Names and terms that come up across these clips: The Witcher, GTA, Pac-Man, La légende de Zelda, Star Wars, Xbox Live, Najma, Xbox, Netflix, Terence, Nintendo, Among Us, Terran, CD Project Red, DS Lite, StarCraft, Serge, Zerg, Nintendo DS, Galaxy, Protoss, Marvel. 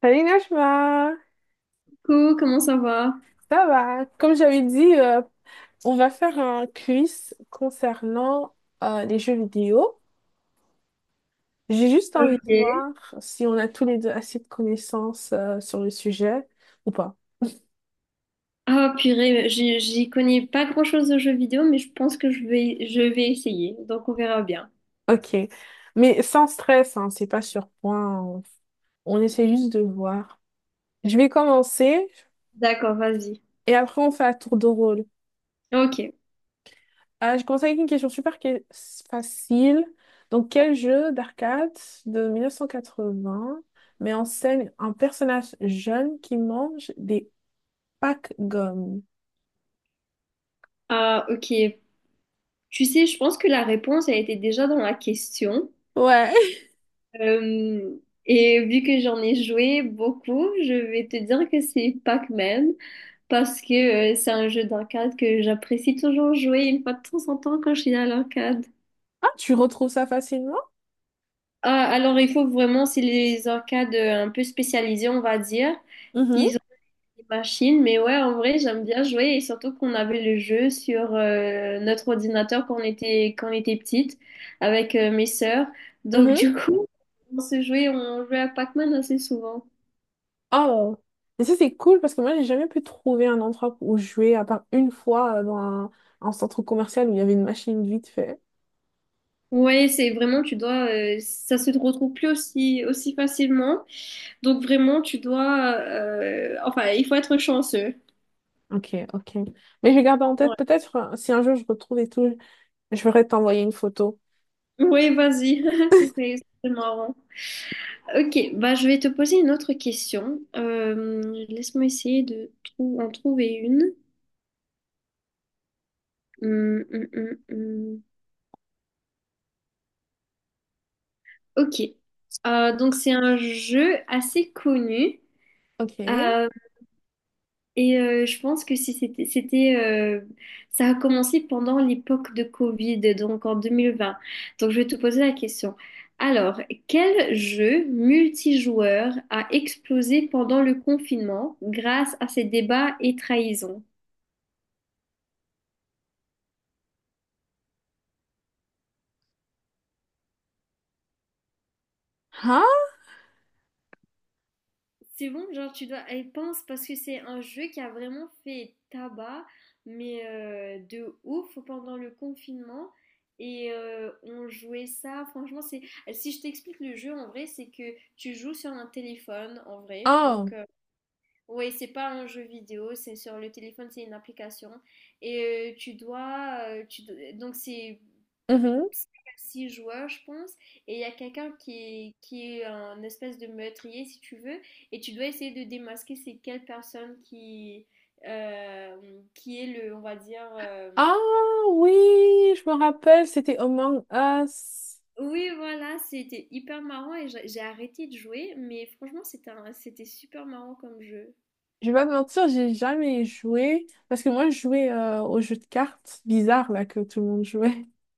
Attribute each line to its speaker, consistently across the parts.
Speaker 1: Salut Najma,
Speaker 2: Coucou, comment ça va?
Speaker 1: ça va? Comme j'avais dit, on va faire un quiz concernant les jeux vidéo. J'ai juste envie de
Speaker 2: Ok.
Speaker 1: voir si on a tous les deux assez de connaissances sur le sujet ou pas.
Speaker 2: Ah purée, j'y connais pas grand-chose aux jeux vidéo, mais je pense que je vais essayer, donc on verra bien.
Speaker 1: Ok, mais sans stress, hein, c'est pas sur point. On essaie juste de voir. Je vais commencer
Speaker 2: D'accord, vas-y.
Speaker 1: et après on fait un tour de rôle.
Speaker 2: Ok,
Speaker 1: Ah, je commence avec une question super qui est facile. Donc, quel jeu d'arcade de 1980 met en scène un personnage jeune qui mange des packs gommes?
Speaker 2: ah, ok. Tu sais, je pense que la réponse a été déjà dans la question.
Speaker 1: Ouais.
Speaker 2: Euh, et vu que j'en ai joué beaucoup, je vais te dire que c'est Pac-Man, parce que c'est un jeu d'arcade que j'apprécie toujours jouer une fois de temps en temps quand je suis à l'arcade.
Speaker 1: Ah, tu retrouves ça facilement?
Speaker 2: Ah, alors il faut vraiment, c'est les arcades un peu spécialisées, on va dire.
Speaker 1: Mhm,
Speaker 2: Ils ont des machines, mais ouais, en vrai, j'aime bien jouer et surtout qu'on avait le jeu sur notre ordinateur quand quand on était petite avec mes sœurs. Donc
Speaker 1: mhm.
Speaker 2: du coup, on jouait à Pac-Man assez souvent.
Speaker 1: Oh, et ça c'est cool parce que moi j'ai jamais pu trouver un endroit où jouer à part une fois dans un centre commercial où il y avait une machine vite fait.
Speaker 2: Ouais, c'est vraiment, tu dois, ça se retrouve plus aussi facilement. Donc vraiment, tu dois, enfin, il faut être chanceux.
Speaker 1: Ok, ok. Mais je vais garder en tête,
Speaker 2: Ouais,
Speaker 1: peut-être si un jour je retrouve et tout, je vais t'envoyer une photo.
Speaker 2: ouais, vas-y, ce serait marrant. Ok, bah, je vais te poser une autre question. Laisse-moi essayer en trouver une. Hum, hum, hum, hum. Ok. Donc c'est un jeu assez connu.
Speaker 1: Ok.
Speaker 2: Euh, et je pense que si ça a commencé pendant l'époque de Covid, donc en 2020. Donc je vais te poser la question. Alors, quel jeu multijoueur a explosé pendant le confinement grâce à ses débats et trahisons?
Speaker 1: Hein?
Speaker 2: C'est bon, genre tu dois. Elle pense parce que c'est un jeu qui a vraiment fait tabac, mais de ouf pendant le confinement. Et on jouait ça, franchement, c'est. Si je t'explique le jeu en vrai, c'est que tu joues sur un téléphone en vrai. Donc,
Speaker 1: Oh.
Speaker 2: ouais, c'est pas un jeu vidéo, c'est sur le téléphone, c'est une application. Et tu dois. Tu... do- donc, c'est
Speaker 1: Mhm.
Speaker 2: six joueurs, je pense, et il y a quelqu'un qui est un espèce de meurtrier, si tu veux, et tu dois essayer de démasquer c'est quelle personne qui est le, on va dire...
Speaker 1: Ah oui, je me rappelle, c'était Among Us.
Speaker 2: Oui, voilà, c'était hyper marrant et j'ai arrêté de jouer, mais franchement, c'était super marrant comme jeu.
Speaker 1: Je vais pas te mentir, j'ai jamais joué parce que moi je jouais au jeu de cartes bizarre là que tout le monde jouait.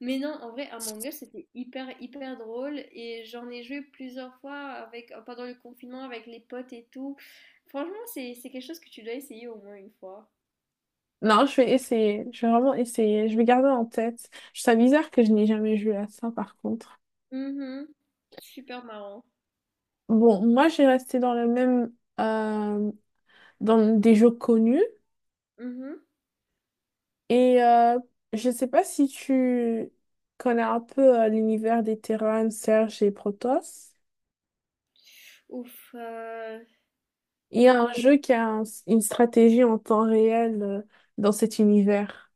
Speaker 2: Mais non, en vrai, Among Us, c'était hyper, hyper drôle et j'en ai joué plusieurs fois avec, pendant le confinement avec les potes et tout. Franchement, c'est quelque chose que tu dois essayer au moins une fois.
Speaker 1: Non, je vais essayer, je vais vraiment essayer, je vais garder en tête. Je trouve ça bizarre que je n'ai jamais joué à ça par contre.
Speaker 2: Mmh. Super marrant.
Speaker 1: Bon, moi j'ai resté dans le même euh, dans des jeux connus.
Speaker 2: Mmh.
Speaker 1: Et je sais pas si tu connais un peu l'univers des Terran, Serge et Protoss.
Speaker 2: Ouf,
Speaker 1: Il y a un
Speaker 2: non
Speaker 1: jeu qui a une stratégie en temps réel dans cet univers.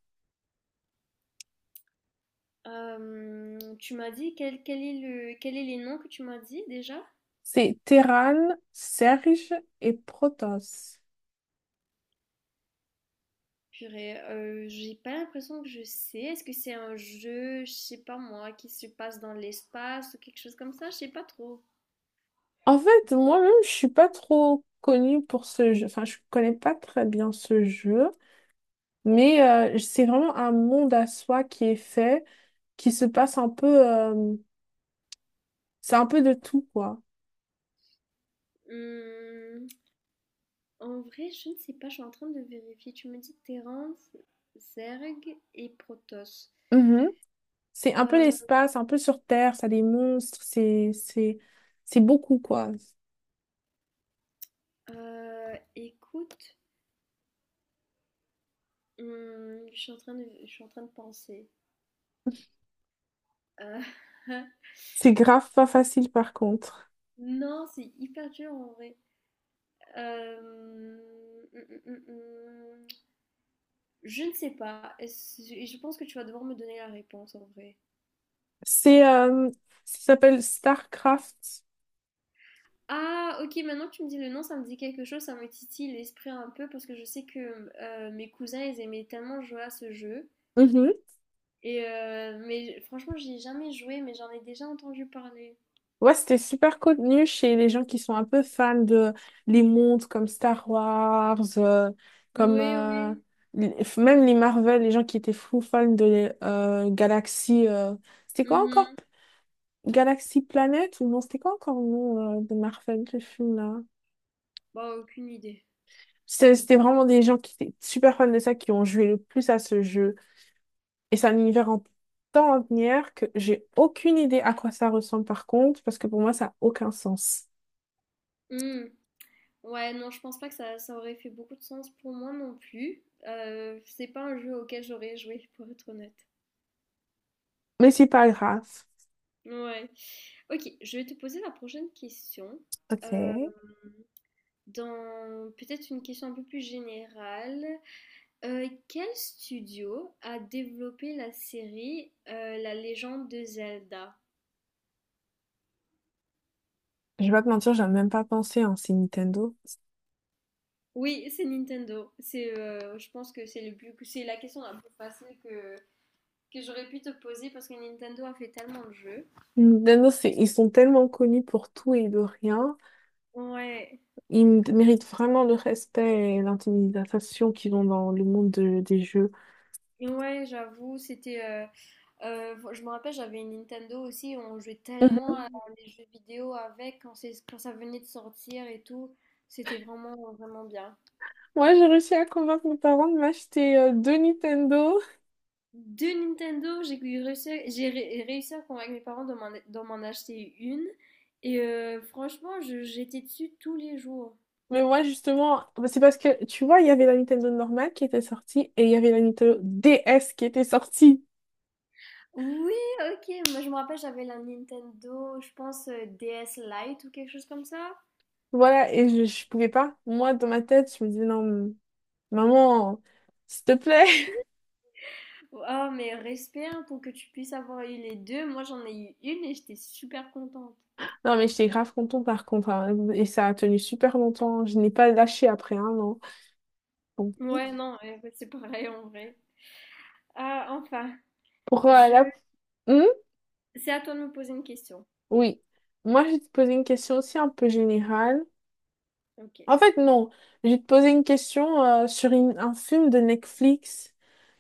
Speaker 2: tu m'as dit quel est les noms que tu m'as dit déjà?
Speaker 1: C'est Terran, Serge et Protoss.
Speaker 2: Purée, j'ai pas l'impression que je sais. Est-ce que c'est un jeu, je sais pas moi, qui se passe dans l'espace ou quelque chose comme ça? Je sais pas trop.
Speaker 1: En fait, moi-même, je suis pas trop connue pour ce jeu. Enfin, je connais pas très bien ce jeu, mais c'est vraiment un monde à soi qui est fait, qui se passe un peu. C'est un peu de tout, quoi.
Speaker 2: Mmh, En vrai, je ne sais pas, je suis en train de vérifier. Tu me dis Terence, Zerg et Protoss.
Speaker 1: Mhm. C'est un peu
Speaker 2: Heu
Speaker 1: l'espace, un peu sur Terre, ça a des monstres, c'est c'est beaucoup quoi.
Speaker 2: heu, Écoute. Je suis en train de penser. Euh,
Speaker 1: C'est grave pas facile par contre.
Speaker 2: non, c'est hyper dur en vrai. Euh, mm, mm, mm. Je ne sais pas. Je pense que tu vas devoir me donner la réponse en vrai.
Speaker 1: C'est ça s'appelle StarCraft.
Speaker 2: Ah, ok, maintenant que tu me dis le nom, ça me dit quelque chose, ça me titille l'esprit un peu parce que je sais que mes cousins, ils aimaient tellement jouer à ce jeu.
Speaker 1: Mhm.
Speaker 2: Et mais franchement, j'y ai jamais joué, mais j'en ai déjà entendu parler.
Speaker 1: Ouais, c'était super connu chez les gens qui sont un peu fans de les montres comme Star Wars, comme
Speaker 2: Oui, oui.
Speaker 1: même les Marvel, les gens qui étaient fous fans de les, Galaxy. C'était quoi encore?
Speaker 2: Mhm.
Speaker 1: Galaxy Planet ou non? C'était quoi encore le nom de Marvel, ce film-là?
Speaker 2: Bah, aucune idée.
Speaker 1: C'était vraiment des gens qui étaient super fans de ça, qui ont joué le plus à ce jeu. Et c'est un univers en tant linéaire que j'ai aucune idée à quoi ça ressemble par contre, parce que pour moi, ça n'a aucun sens.
Speaker 2: Hmm. Ouais, non, je pense pas que ça aurait fait beaucoup de sens pour moi non plus. C'est pas un jeu auquel j'aurais joué, pour être honnête.
Speaker 1: Mais c'est pas grave.
Speaker 2: Ouais. Ok, je vais te poser la prochaine question.
Speaker 1: Ok. Je
Speaker 2: Dans peut-être une question un peu plus générale, quel studio a développé la série La légende de Zelda?
Speaker 1: vais pas te mentir, j'ai même pas pensé, hein, c'est Nintendo.
Speaker 2: Oui, c'est Nintendo. C'est, je pense que c'est la question la plus facile que j'aurais pu te poser parce que Nintendo a fait tellement de jeux.
Speaker 1: Nintendo, c'est, ils sont tellement connus pour tout et de rien.
Speaker 2: Ouais.
Speaker 1: Ils méritent vraiment le respect et l'intimidation qu'ils ont dans le monde des jeux.
Speaker 2: Ouais, j'avoue, c'était. Je me rappelle, j'avais une Nintendo aussi, on jouait
Speaker 1: Mhm.
Speaker 2: tellement à des jeux vidéo avec quand ça venait de sortir et tout. C'était vraiment, vraiment bien.
Speaker 1: Moi, j'ai réussi à convaincre mes parents de m'acheter deux Nintendo.
Speaker 2: Deux Nintendo, j'ai eu réussi, j'ai ré- réussi à convaincre mes parents de m'en acheter une. Et franchement, j'étais dessus tous les jours.
Speaker 1: Mais moi, justement, bah, c'est parce que, tu vois, il y avait la Nintendo normale qui était sortie et il y avait la Nintendo DS qui était sortie.
Speaker 2: Oui, ok, moi je me rappelle, j'avais la Nintendo, je pense DS Lite ou quelque chose comme ça.
Speaker 1: Voilà, et je pouvais pas. Moi, dans ma tête, je me disais, non, maman, s'il te plaît.
Speaker 2: Oh, mais respect hein, pour que tu puisses avoir eu les deux. Moi, j'en ai eu une et j'étais super contente.
Speaker 1: Non, mais j'étais grave contente par contre, hein. Et ça a tenu super longtemps. Je n'ai pas lâché après un an. Bon.
Speaker 2: Ouais, non, ouais, ouais, c'est pareil en vrai. Ah, enfin,
Speaker 1: Pour
Speaker 2: je...
Speaker 1: la... Hmm.
Speaker 2: c'est à toi de me poser une question.
Speaker 1: Oui. Moi, je vais te poser une question aussi un peu générale.
Speaker 2: Ok.
Speaker 1: En fait, non. Je vais te poser une question sur un film de Netflix.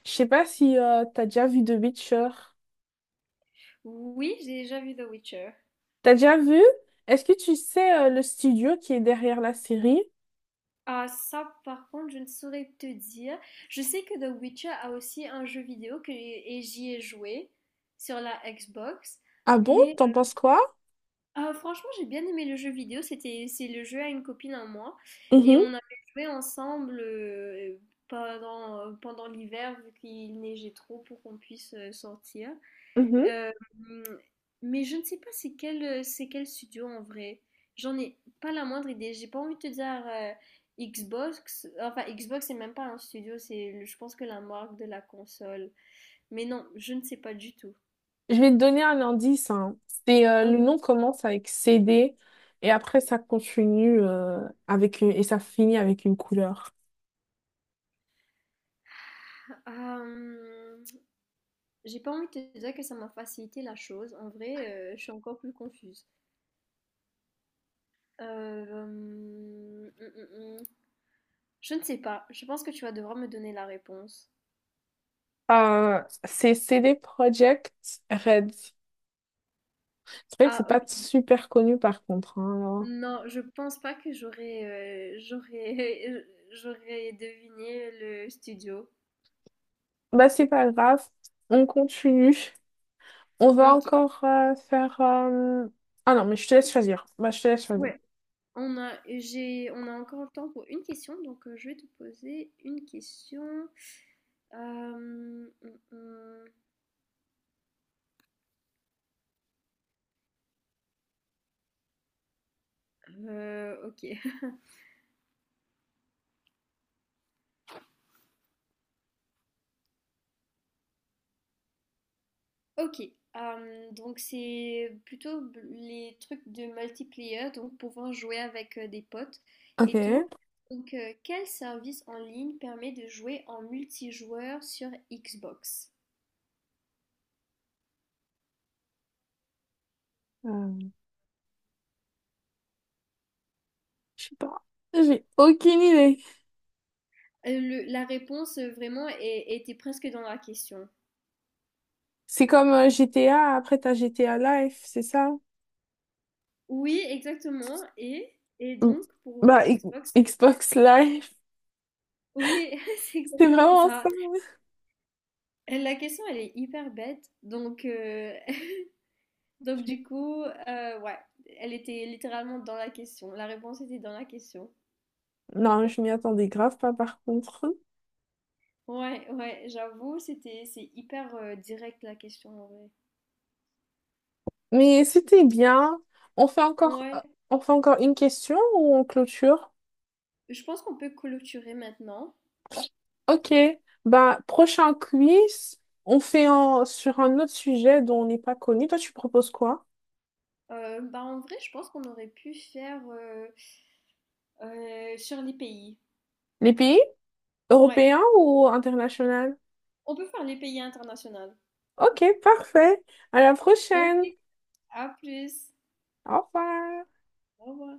Speaker 1: Je sais pas si t'as déjà vu The Witcher.
Speaker 2: Oui, j'ai déjà vu The Witcher.
Speaker 1: T'as déjà vu? Est-ce que tu sais le studio qui est derrière la série?
Speaker 2: Ah, ça, par contre, je ne saurais te dire. Je sais que The Witcher a aussi un jeu vidéo et j'y ai joué sur la Xbox,
Speaker 1: Ah bon?
Speaker 2: mais
Speaker 1: T'en penses quoi?
Speaker 2: Ah, franchement, j'ai bien aimé le jeu vidéo. C'est le jeu à une copine à moi. Et
Speaker 1: Mhm,
Speaker 2: on avait joué ensemble pendant l'hiver, vu qu'il neigeait trop pour qu'on puisse sortir.
Speaker 1: mhm.
Speaker 2: Euh, mais je ne sais pas c'est quel studio en vrai. J'en ai pas la moindre idée. J'ai pas envie de te dire Xbox. Enfin, Xbox, c'est même pas un studio. Je pense que la marque de la console. Mais non, je ne sais pas du tout.
Speaker 1: Je vais te donner un indice, hein. C'est
Speaker 2: Ok.
Speaker 1: le nom commence avec CD et après ça continue avec une, et ça finit avec une couleur.
Speaker 2: Euh, J'ai pas envie de te dire que ça m'a facilité la chose. En vrai, je suis encore plus confuse. Euh, hum, hum, hum. hum. Je ne sais pas. Je pense que tu vas devoir me donner la réponse.
Speaker 1: C'est CD Project Red. C'est vrai que c'est
Speaker 2: Ah,
Speaker 1: pas
Speaker 2: ok.
Speaker 1: super connu par contre, hein.
Speaker 2: Non, je pense pas que j'aurais j'aurais deviné le studio.
Speaker 1: Bah, c'est pas grave, on continue. On va
Speaker 2: Ok.
Speaker 1: encore faire. Ah non, mais je te laisse choisir. Bah, je te laisse choisir.
Speaker 2: Ouais. On a encore le temps pour une question, donc je vais te poser une question. Euh, hum, hum. hum. Ok. Ok, donc c'est plutôt les trucs de multiplayer, donc pouvant jouer avec des potes
Speaker 1: Ok.
Speaker 2: et tout. Donc quel service en ligne permet de jouer en multijoueur sur Xbox?
Speaker 1: Euh, je sais pas. J'ai aucune idée.
Speaker 2: La réponse vraiment était presque dans la question.
Speaker 1: C'est comme GTA, après t'as GTA Live, c'est ça?
Speaker 2: Oui, exactement. Et
Speaker 1: Mm.
Speaker 2: donc pour
Speaker 1: Bah,
Speaker 2: Xbox.
Speaker 1: Xbox Live,
Speaker 2: Oui, c'est
Speaker 1: c'est
Speaker 2: exactement
Speaker 1: vraiment
Speaker 2: ça.
Speaker 1: ça.
Speaker 2: La question, elle est hyper bête. Donc du coup, ouais, elle était littéralement dans la question. La réponse était dans la question.
Speaker 1: Non, je m'y attendais grave pas par contre.
Speaker 2: Ouais, ouais, j'avoue, c'est hyper direct la question en vrai.
Speaker 1: Mais c'était bien. On fait encore,
Speaker 2: Ouais,
Speaker 1: euh, on fait encore une question ou on clôture?
Speaker 2: je pense qu'on peut clôturer maintenant.
Speaker 1: Ok, bah prochain quiz, on fait sur un autre sujet dont on n'est pas connu. Toi, tu proposes quoi?
Speaker 2: Bah en vrai, je pense qu'on aurait pu faire sur les pays.
Speaker 1: Les pays
Speaker 2: Ouais,
Speaker 1: européens ou internationaux?
Speaker 2: on peut faire les pays internationaux.
Speaker 1: Ok, parfait. À la prochaine.
Speaker 2: Ok, à plus.
Speaker 1: Au revoir.
Speaker 2: Au revoir.